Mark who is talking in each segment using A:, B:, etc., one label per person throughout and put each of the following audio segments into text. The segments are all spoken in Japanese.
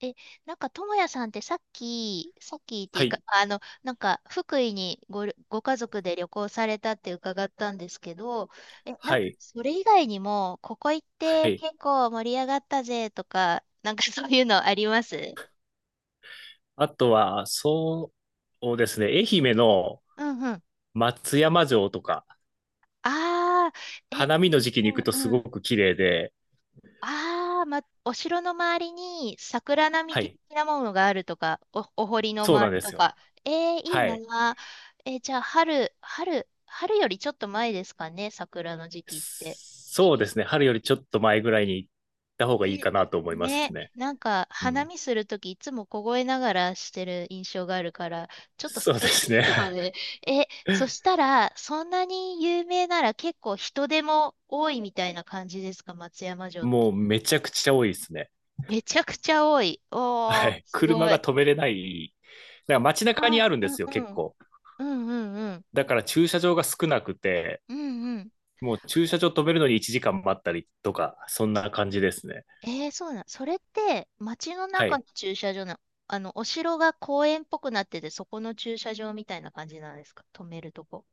A: え、なんか、ともやさんってさっき、さっきってい
B: は
A: うか、
B: い、
A: なんか、福井にご家族で旅行されたって伺ったんですけど、な
B: は
A: んか、
B: い、
A: それ以外にも、ここ行っ
B: は
A: て
B: い。
A: 結構盛り上がったぜとか、なんかそういうのあります？
B: あとは、そうですね、愛媛の
A: うんうん。
B: 松山城とか、
A: ああ、え、
B: 花見の時期に行くと
A: う
B: すご
A: ん。
B: く綺麗で、
A: ああ、ま、お城の周りに桜並
B: は
A: 木
B: い、
A: 的なものがあるとか、お堀の
B: そう
A: 周
B: なん
A: り
B: で
A: と
B: すよ。
A: か。えーいい
B: は
A: な
B: い。
A: あ。じゃあ、春よりちょっと前ですかね、桜の時期って。微
B: そう
A: 妙。
B: ですね、春よりちょっと前ぐらいに行った方がいい
A: ね、
B: かなと思います
A: ね、
B: ね。
A: なんか、
B: う
A: 花
B: ん。
A: 見するときいつも凍えながらしてる印象があるから、ちょっと
B: そうで
A: 寒いで
B: す
A: すよ
B: ね。
A: ね。そした ら、そんなに有名なら結構人手も多いみたいな感じですか、松山城って？
B: もうめちゃくちゃ多いですね。
A: めちゃくちゃ多い。
B: は
A: おー、
B: い。
A: す
B: 車
A: ご
B: が
A: い。
B: 止めれない。だから街中に
A: あ、
B: あるん
A: う
B: で
A: ん
B: すよ、
A: う
B: 結
A: ん。
B: 構。
A: うんうんうん。
B: だから駐車場が少なくて、
A: うんうん。
B: もう駐車場止めるのに1時間待ったりとか、そんな感じですね。
A: えー、そうなん。それって、街の
B: は
A: 中
B: い。
A: の駐車場の、お城が公園っぽくなってて、そこの駐車場みたいな感じなんですか止めるとこ？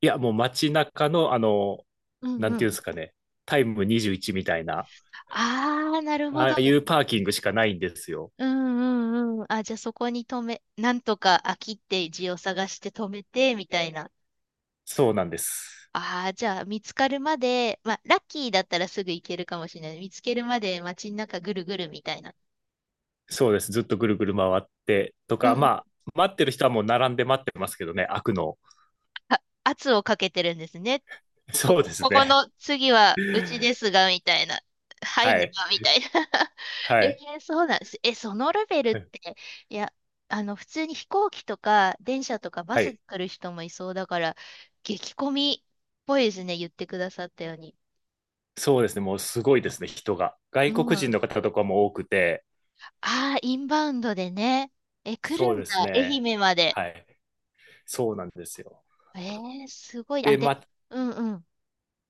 B: いや、もう街中の、
A: うん
B: な
A: う
B: んていうん
A: ん。
B: ですかね、タイム21みたいな、
A: あー、なるほ
B: あ
A: ど。
B: あいうパーキングしかないんですよ。
A: うんうんうん。あ、じゃあそこになんとか飽きって字を探して止めて、みたいな。
B: そうなんです。
A: ああ、じゃあ見つかるまで、まあ、ラッキーだったらすぐ行けるかもしれない。見つけるまで街の中ぐるぐるみたいな。
B: そうです。ずっとぐるぐる回ってと
A: う
B: か、
A: ん。
B: まあ、待ってる人はもう並んで待ってますけどね、開くのを。
A: あ、圧をかけてるんですね。こ
B: そうで
A: こ、
B: す
A: ここ
B: ね。
A: の次はうちですが、みたいな。入ん
B: は
A: な
B: い。
A: が、みたいな。
B: は
A: え
B: い。
A: ーそうなんです。そのレベルって、いや、普通に飛行機とか、電車とかバ
B: は
A: スで
B: い。
A: 来る人もいそうだから、激混みっぽいですね、言ってくださったように。
B: そうですね。もうすごいですね、人が。
A: う
B: 外
A: ん。
B: 国人
A: あ
B: の方とかも多くて、
A: あ、インバウンドでね。来る
B: そう
A: んだ、
B: です
A: 愛
B: ね。
A: 媛まで。
B: はい。そうなんですよ。
A: えーすごい。あ、
B: で、
A: でも、
B: ま、
A: うんうん。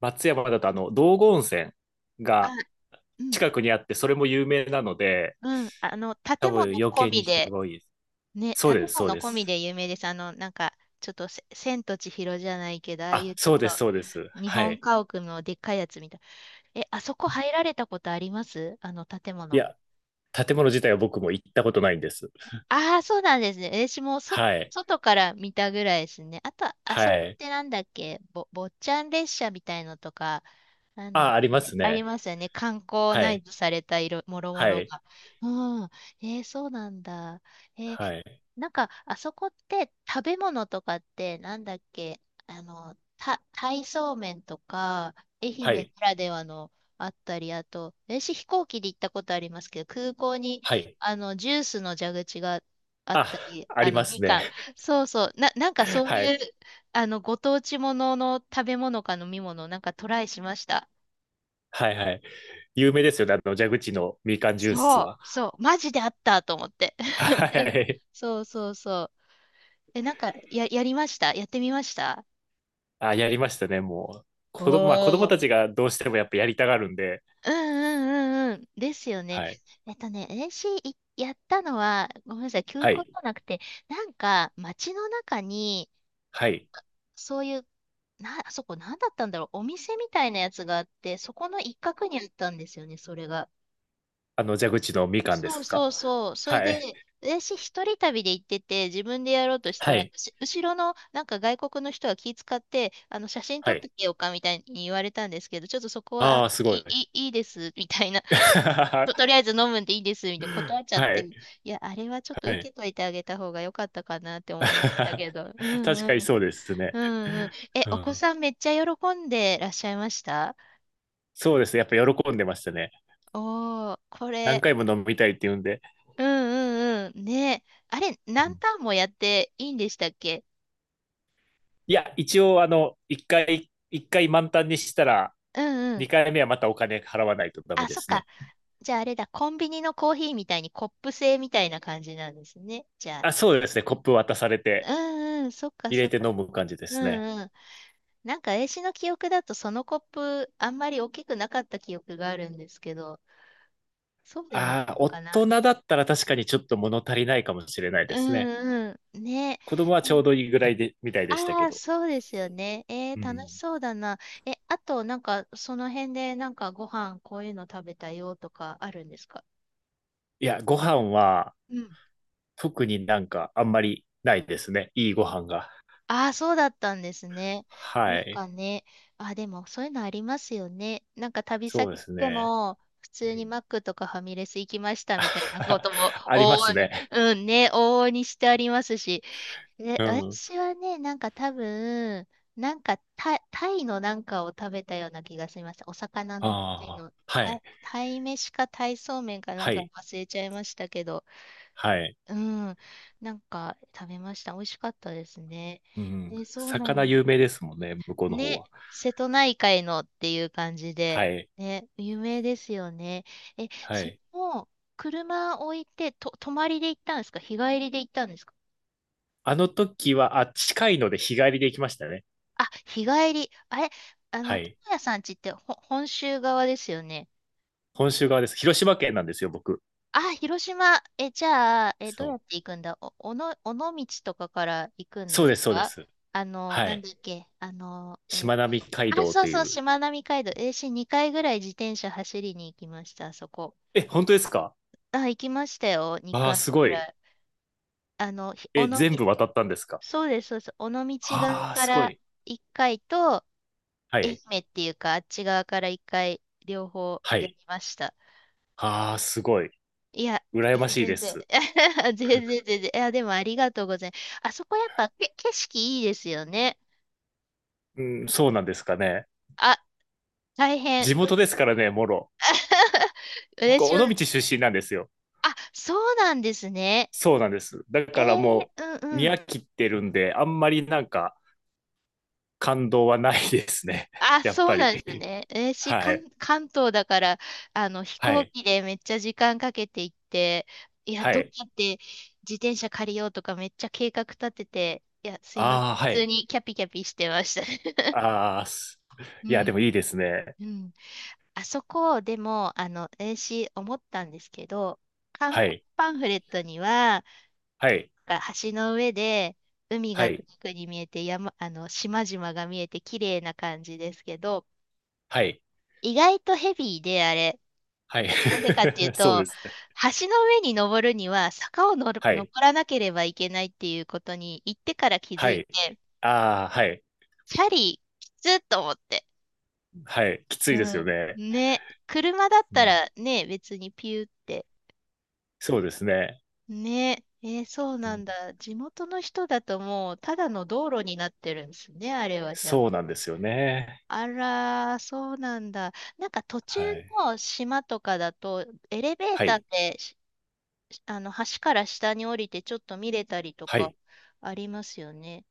B: 松山だとあの道後温泉
A: あ、
B: が
A: うん、
B: 近くにあって、それも有名なので、
A: うん。
B: 多
A: 建
B: 分
A: 物
B: 余
A: 込
B: 計に
A: み
B: 人
A: で、
B: が多いです。
A: ね、
B: そうで
A: 建
B: す、そう
A: 物
B: で
A: 込み
B: す。
A: で有名です。なんか、ちょっと千と千尋じゃないけど、ああい
B: あ、
A: うちょっ
B: そう
A: と、
B: です、そうです。
A: 日
B: は
A: 本
B: い。
A: 家屋のでっかいやつみたい。あそこ入られたことあります？あの建
B: い
A: 物。
B: や、建物自体は僕も行ったことないんです。
A: ああ、そうなんですね。私も
B: はい。
A: 外から見たぐらいですね。あと、あそこ
B: は
A: っ
B: い。
A: てなんだっけ、坊ちゃん列車みたいのとか、なんだっ
B: あ、ありま
A: け、
B: す
A: あり
B: ね。
A: ますよね。観光
B: は
A: 内
B: い。
A: イされた色、もろも
B: は
A: ろ
B: い。
A: が。うん。えー、そうなんだ。えー
B: はい。
A: なんか、あそこって食べ物とかって、なんだっけ、鯛そうめんとか、愛媛
B: はい。
A: ならではのあったり、あと、私飛行機で行ったことありますけど、空港に、
B: はい。
A: ジュースの蛇口があっ
B: あ、
A: たり、
B: ありま
A: み
B: すね。
A: かん。そうそう。なんか そう
B: は
A: いう、
B: い。
A: ご当地ものの食べ物か飲み物をなんかトライしました。
B: はい。はい。有名ですよね。蛇口のみかんジュース
A: そう、
B: は。
A: そう。マジであったと思って。
B: は い。
A: そうそうそう。なんか、やりましたやってみました？
B: あ、やりましたね、もう。
A: お
B: 子供、まあ子供
A: ー。
B: たちがどうしてもやっぱやりたがるんで、
A: うんうんうんうん。ですよね。
B: はい。
A: ね、n c いやったのは、ごめんなさい、休
B: は
A: 校じ
B: い。
A: ゃなくて、なんか、街の中に、
B: はい。
A: そういう、あそこ何だったんだろう。お店みたいなやつがあって、そこの一角にあったんですよね、それが。
B: 蛇口のみかんです
A: そう
B: か。
A: そうそう。それ
B: はい。
A: で、私一人旅で行ってて、自分でやろうとした
B: は
A: ら、
B: い。
A: 後ろのなんか外国の人は気遣って、写真撮
B: は
A: って
B: い。
A: けようかみたいに言われたんですけど、ちょっとそこは、
B: ああ、すごい。
A: いいいです、みたいな。と、
B: は
A: とりあえず飲むんでいいです、みたいな断っちゃって、い
B: い。
A: や、あれはちょっと
B: は
A: 受
B: い。
A: けといてあげた方が良かったかなって思いましたけど。うん
B: 確か
A: う
B: に
A: ん
B: そうですね。
A: うんうん。
B: う
A: お子
B: ん。
A: さんめっちゃ喜んでらっしゃいました？
B: そうですね。やっぱ喜んでましたね。
A: おー、こ
B: 何
A: れ。
B: 回も飲みたいって言うんで。
A: うんうんうん。ねあれ、
B: う
A: 何
B: ん。
A: ターンもやっていいんでしたっけ？
B: いや、一応、一回満タンにしたら、
A: うんう
B: 二
A: ん。
B: 回目はまたお金払わないとダメ
A: あ、
B: で
A: そっ
B: すね。
A: か。じゃああれだ、コンビニのコーヒーみたいにコップ製みたいな感じなんですね。じゃあ。
B: あ、そうですね。コップ渡されて、
A: うんうん、そっか
B: 入
A: そ
B: れ
A: っ
B: て
A: か。
B: 飲む感じで
A: う
B: すね。
A: んうん。なんか、絵師の記憶だとそのコップ、あんまり大きくなかった記憶があるんですけど、そうでもな
B: ああ、
A: いの
B: 大
A: かな。
B: 人だったら確かにちょっと物足りないかもしれない
A: う
B: ですね。
A: んうん。ね
B: 子供はちょうどいいぐらいで、みたいでしたけ
A: ああ、
B: ど。
A: そうですよね。え
B: う
A: ー、楽し
B: ん。
A: そうだな。あと、なんか、その辺で、なんか、ご飯、こういうの食べたよとか、あるんですか？
B: いや、ご飯は
A: うん。
B: 特になんかあんまりないですね。いいご飯が。
A: ああ、そうだったんですね。なん
B: はい。
A: かね、あ、でもそういうのありますよね。なんか旅
B: そうで
A: 先来
B: す
A: て
B: ね。
A: も、普
B: う
A: 通に
B: ん。
A: マックとかファミレス行きましたみたいなことも
B: あり
A: 往
B: ま
A: 々
B: す
A: に、
B: ね。
A: うんね、往々にしてありますし、
B: うん。
A: 私はね、なんか多分、なんかタイのなんかを食べたような気がしました。お魚のタイ
B: ああ、
A: の、
B: は
A: タイ、
B: い。
A: タイ飯かタイそうめんかな
B: は
A: んか
B: い。
A: 忘れちゃいましたけど、
B: はい。
A: うん、なんか食べました。美味しかったですね。
B: うん。
A: そうな
B: 魚
A: んだ。
B: 有名ですもんね、向こうの方
A: ね、
B: は。
A: 瀬戸内海のっていう感じ
B: は
A: で、
B: い。
A: ね、有名ですよね。
B: は
A: それ
B: い。
A: も、車置いて、泊まりで行ったんですか日帰りで行ったんですか？
B: あの時は、あ、近いので日帰りで行きましたね。
A: あ、日帰り。あれ、
B: は
A: 友
B: い。
A: 也さんちって本州側ですよね。
B: 本州側です。広島県なんですよ、僕。
A: あ、広島。じゃあ、ど
B: そ
A: うやって
B: う。
A: 行くんだお、おの、尾道とかから行くん
B: そ
A: で
B: う
A: す
B: です、そうで
A: か？
B: す。は
A: なん
B: い。
A: だっけ、
B: しまなみ海
A: あ、
B: 道
A: そう
B: とい
A: そう、
B: う。
A: しまなみ海道。私2回ぐらい自転車走りに行きました、あそこ。
B: え、本当ですか？
A: あ、行きましたよ、
B: あ
A: 2
B: あ、
A: 回
B: すご
A: ぐら
B: い。
A: い。尾
B: え、
A: 道、
B: 全部渡ったんですか？
A: そうです、そうです。尾道側
B: ああ、
A: か
B: すご
A: ら
B: い。
A: 1回と、
B: は
A: 愛
B: い。
A: 媛っていうか、あっち側から一回、両方
B: は
A: やり
B: い。
A: ました。
B: ああ、すごい。
A: いや、い
B: 羨ま
A: や
B: しい
A: 全
B: で
A: 然、
B: す。
A: 全然、全然。いや、でもありがとうございます。あそこやっぱ景色いいですよね。
B: うん、そうなんですかね。
A: あ、大変。
B: 地元で すからね、もろ。僕、
A: 私
B: 尾
A: は、
B: 道出身なんですよ。
A: あ、そうなんですね。
B: そうなんです。だ
A: え
B: からも
A: ー、うん
B: う、
A: う
B: 見
A: ん。
B: 飽きてるんで、あんまりなんか感動はないですね。
A: あ、
B: やっ
A: そ
B: ぱ
A: うなんで
B: り。
A: すね。えーし、
B: はい。
A: 関東だから、飛
B: は
A: 行
B: い。
A: 機でめっちゃ時間かけて行って、いや、
B: は
A: どう
B: い。
A: やって自転車借りようとかめっちゃ計画立てて、いや、すいま
B: あ
A: せん。
B: あ、
A: 普
B: は
A: 通
B: い。
A: にキャピキャピしてました。
B: ああ、す、
A: う
B: いや、で
A: ん。
B: もいいですね。
A: うん。あそこ、でも、あの、えーし、思ったんですけど、観
B: は
A: 光
B: い。
A: パンフレットには、
B: はい。
A: 橋の上で、海
B: は
A: が遠
B: い。
A: くに見えて、山、島々が見えて、綺麗な感じですけど、
B: はい。
A: 意外とヘビーで、あれ。
B: はい。
A: なんでかっていう
B: そう
A: と、
B: ですね。
A: 橋の上に登るには坂を
B: は
A: 登
B: い。
A: らなければいけないっていうことに行ってから気づ
B: は
A: い
B: い。
A: て、
B: ああ、はい。
A: チャリきつっと思って。
B: はい。きつ
A: う
B: いですよ
A: ん。
B: ね。
A: ね、車だっ
B: う
A: た
B: ん、
A: らね、別にピューって。
B: そうですね。
A: ね、えーそう
B: う
A: な
B: ん、
A: んだ。地元の人だともうただの道路になってるんですね、あれはじゃあ。
B: そうなんですよね。
A: あらー、そうなんだ。なんか途中
B: はい。
A: の島とかだと、エレベー
B: は
A: ターっ
B: い。
A: て橋から下に降りてちょっと見れたりと
B: は
A: か
B: い。
A: ありますよね。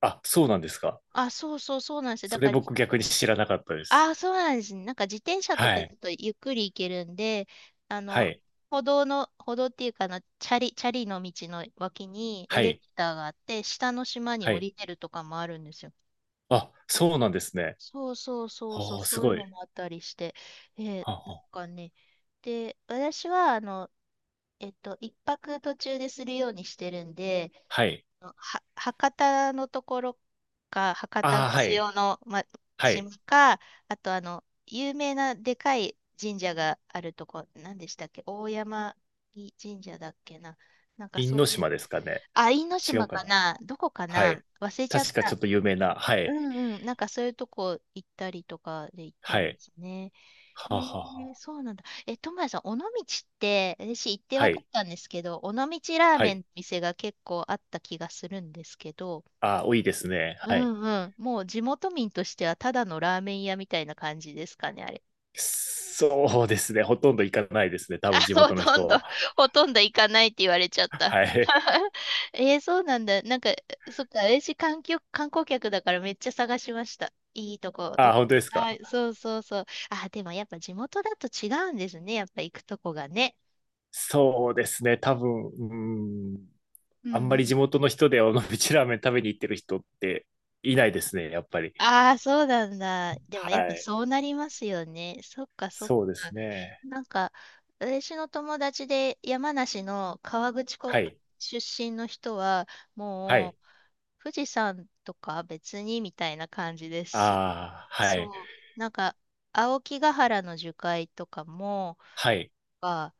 B: あ、そうなんですか。
A: あ、そうそうそうなんですよ。だ
B: それ
A: から、
B: 僕逆に知らなかったです。
A: あ、そうなんですね。なんか自転車と
B: は
A: かだ
B: い。
A: とゆっくり行けるんで、あ
B: は
A: の、
B: い。
A: 歩道の、歩道っていうかチャリの道の脇に
B: は
A: エレベ
B: い。
A: ーターがあって、下の島に
B: は
A: 降
B: い。
A: りてるとかもあるんですよ。
B: あ、そうなんですね。
A: そうそうそうそう、
B: おー、す
A: そういう
B: ご
A: の
B: い。
A: もあったりして、えー
B: はあ
A: なん
B: はあ、
A: かね、で、私は、一泊途中でするようにしてるんで、
B: はい。
A: は、博多のところか、博多
B: あ
A: の
B: あ、はい。
A: 塩の、ま、
B: はい。
A: 島か、あと有名なでかい神社があるとこ、何でしたっけ大山神社だっけな。なんか
B: 因
A: そういう、
B: 島ですかね。
A: あ、因
B: 違う
A: 島
B: か
A: か
B: な。
A: などこか
B: は
A: な
B: い。
A: 忘れちゃっ
B: 確かちょ
A: た。
B: っと有名な。は
A: う
B: い。
A: んうん。なんかそういうとこ行ったりとかで行って
B: は
A: ま
B: い。
A: すね。え
B: はあはあ
A: ー、
B: はあ。
A: そうなんだ。え、トマヤさん、尾道って、私行って
B: は
A: 分かっ
B: い。
A: たんですけど、尾道ラー
B: は
A: メン
B: い。
A: の店が結構あった気がするんですけど、
B: あ、多いですね。
A: う
B: はい。
A: んうん。もう地元民としてはただのラーメン屋みたいな感じですかね、あれ。
B: そうですね。ほとんど行かないですね。多
A: あ、
B: 分地元の人は。
A: ほとんど行かないって言われちゃった。
B: はい。
A: えー、そうなんだ。なんか、そっか、私観光客だからめっちゃ探しました。いいとこ、ど
B: あ、
A: こ
B: 本当
A: か
B: です
A: な。
B: か。
A: はい、そうそうそう。あ、でもやっぱ地元だと違うんですね。やっぱ行くとこがね。
B: そうですね。多分、うん。
A: うんう
B: あんまり地
A: ん。
B: 元の人で尾道ラーメン食べに行ってる人っていないですね。やっぱり。
A: ああ、そうなんだ。でもや
B: は
A: っぱ
B: い。
A: そうなりますよね。そっかそっ
B: そうで
A: か。
B: すね。
A: なんか、私の友達で山梨の河口湖
B: はい。
A: 出身の人は、
B: は
A: も
B: い。
A: う富士山とか別にみたいな感じですし、
B: ああ、はい。
A: そう、なんか青木ヶ原の樹海とかも、
B: はい。
A: あ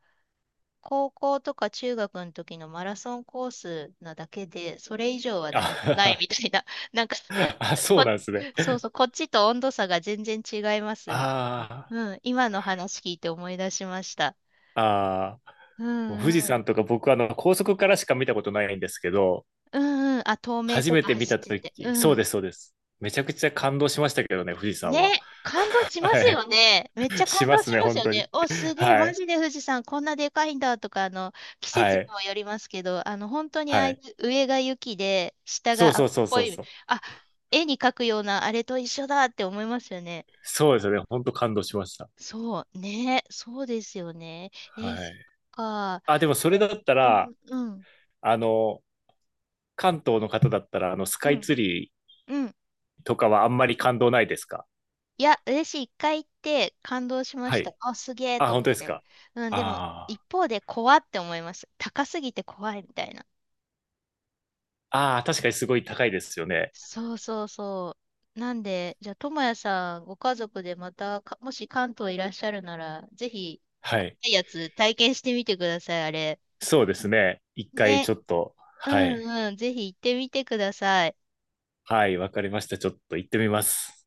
A: 高校とか中学の時のマラソンコースなだけで、それ以上は何もない
B: あ、
A: みたいな、なんか、
B: あ、そ
A: こ、
B: うなんですね。
A: そうそう、こっちと温度差が全然違いますみたい
B: あ
A: な。うん、今の話聞いて思い出しました。
B: あ、ああ。
A: う
B: もう
A: ん
B: 富士
A: うん。
B: 山とか僕はあの高速からしか見たことないんですけど、
A: うんうん。あ、透明
B: 初
A: と
B: め
A: か
B: て見
A: 走っ
B: たと
A: てて。う
B: き、そう
A: ん。
B: です、そうです。めちゃくちゃ感動しましたけどね、富士
A: ね、
B: 山は。
A: 感動しま
B: は
A: す
B: い。
A: よね。めっちゃ
B: し
A: 感
B: ま
A: 動
B: す
A: し
B: ね、
A: ます
B: 本
A: よ
B: 当に。
A: ね。お、すげえ、
B: は
A: マ
B: い。
A: ジで富士山こんなでかいんだとか、季節
B: は
A: に
B: い。
A: もよりますけど、本当に
B: は
A: ああい
B: い。
A: う上が雪で、下
B: そう
A: が青
B: そ
A: っ
B: うそう
A: ぽ
B: そう
A: い、
B: そう。
A: あ、絵に描くようなあれと一緒だって思いますよね。
B: そうですよね、本当感動しました。
A: そう、ね、そうですよね。え、
B: は
A: そ
B: い。
A: っか。
B: あ、でもそれ
A: え、
B: だった
A: う
B: ら、
A: ん、うん、
B: あの、関東の方だったら、ス
A: う
B: カイ
A: ん、
B: ツリー
A: うん。
B: とかはあんまり感動ないですか？
A: いや、嬉しい。一回行って感動しま
B: は
A: した。
B: い。
A: あ、すげえ
B: あ、
A: と
B: 本
A: 思っ
B: 当です
A: て。
B: か。
A: うん、でも、
B: あ
A: 一方で怖って思います。高すぎて怖いみたいな。
B: あ。ああ、確かにすごい高いですよね。
A: そうそうそう。なんで、じゃあ、ともやさん、ご家族でまたか、もし関東いらっしゃるなら、ぜひ、
B: は
A: 怖
B: い。
A: いやつ体験してみてください、あれ。
B: そうですね。一回
A: ね。
B: ちょっと、
A: う
B: はい。
A: んうん、ぜひ行ってみてください。
B: はい、わかりました。ちょっと行ってみます。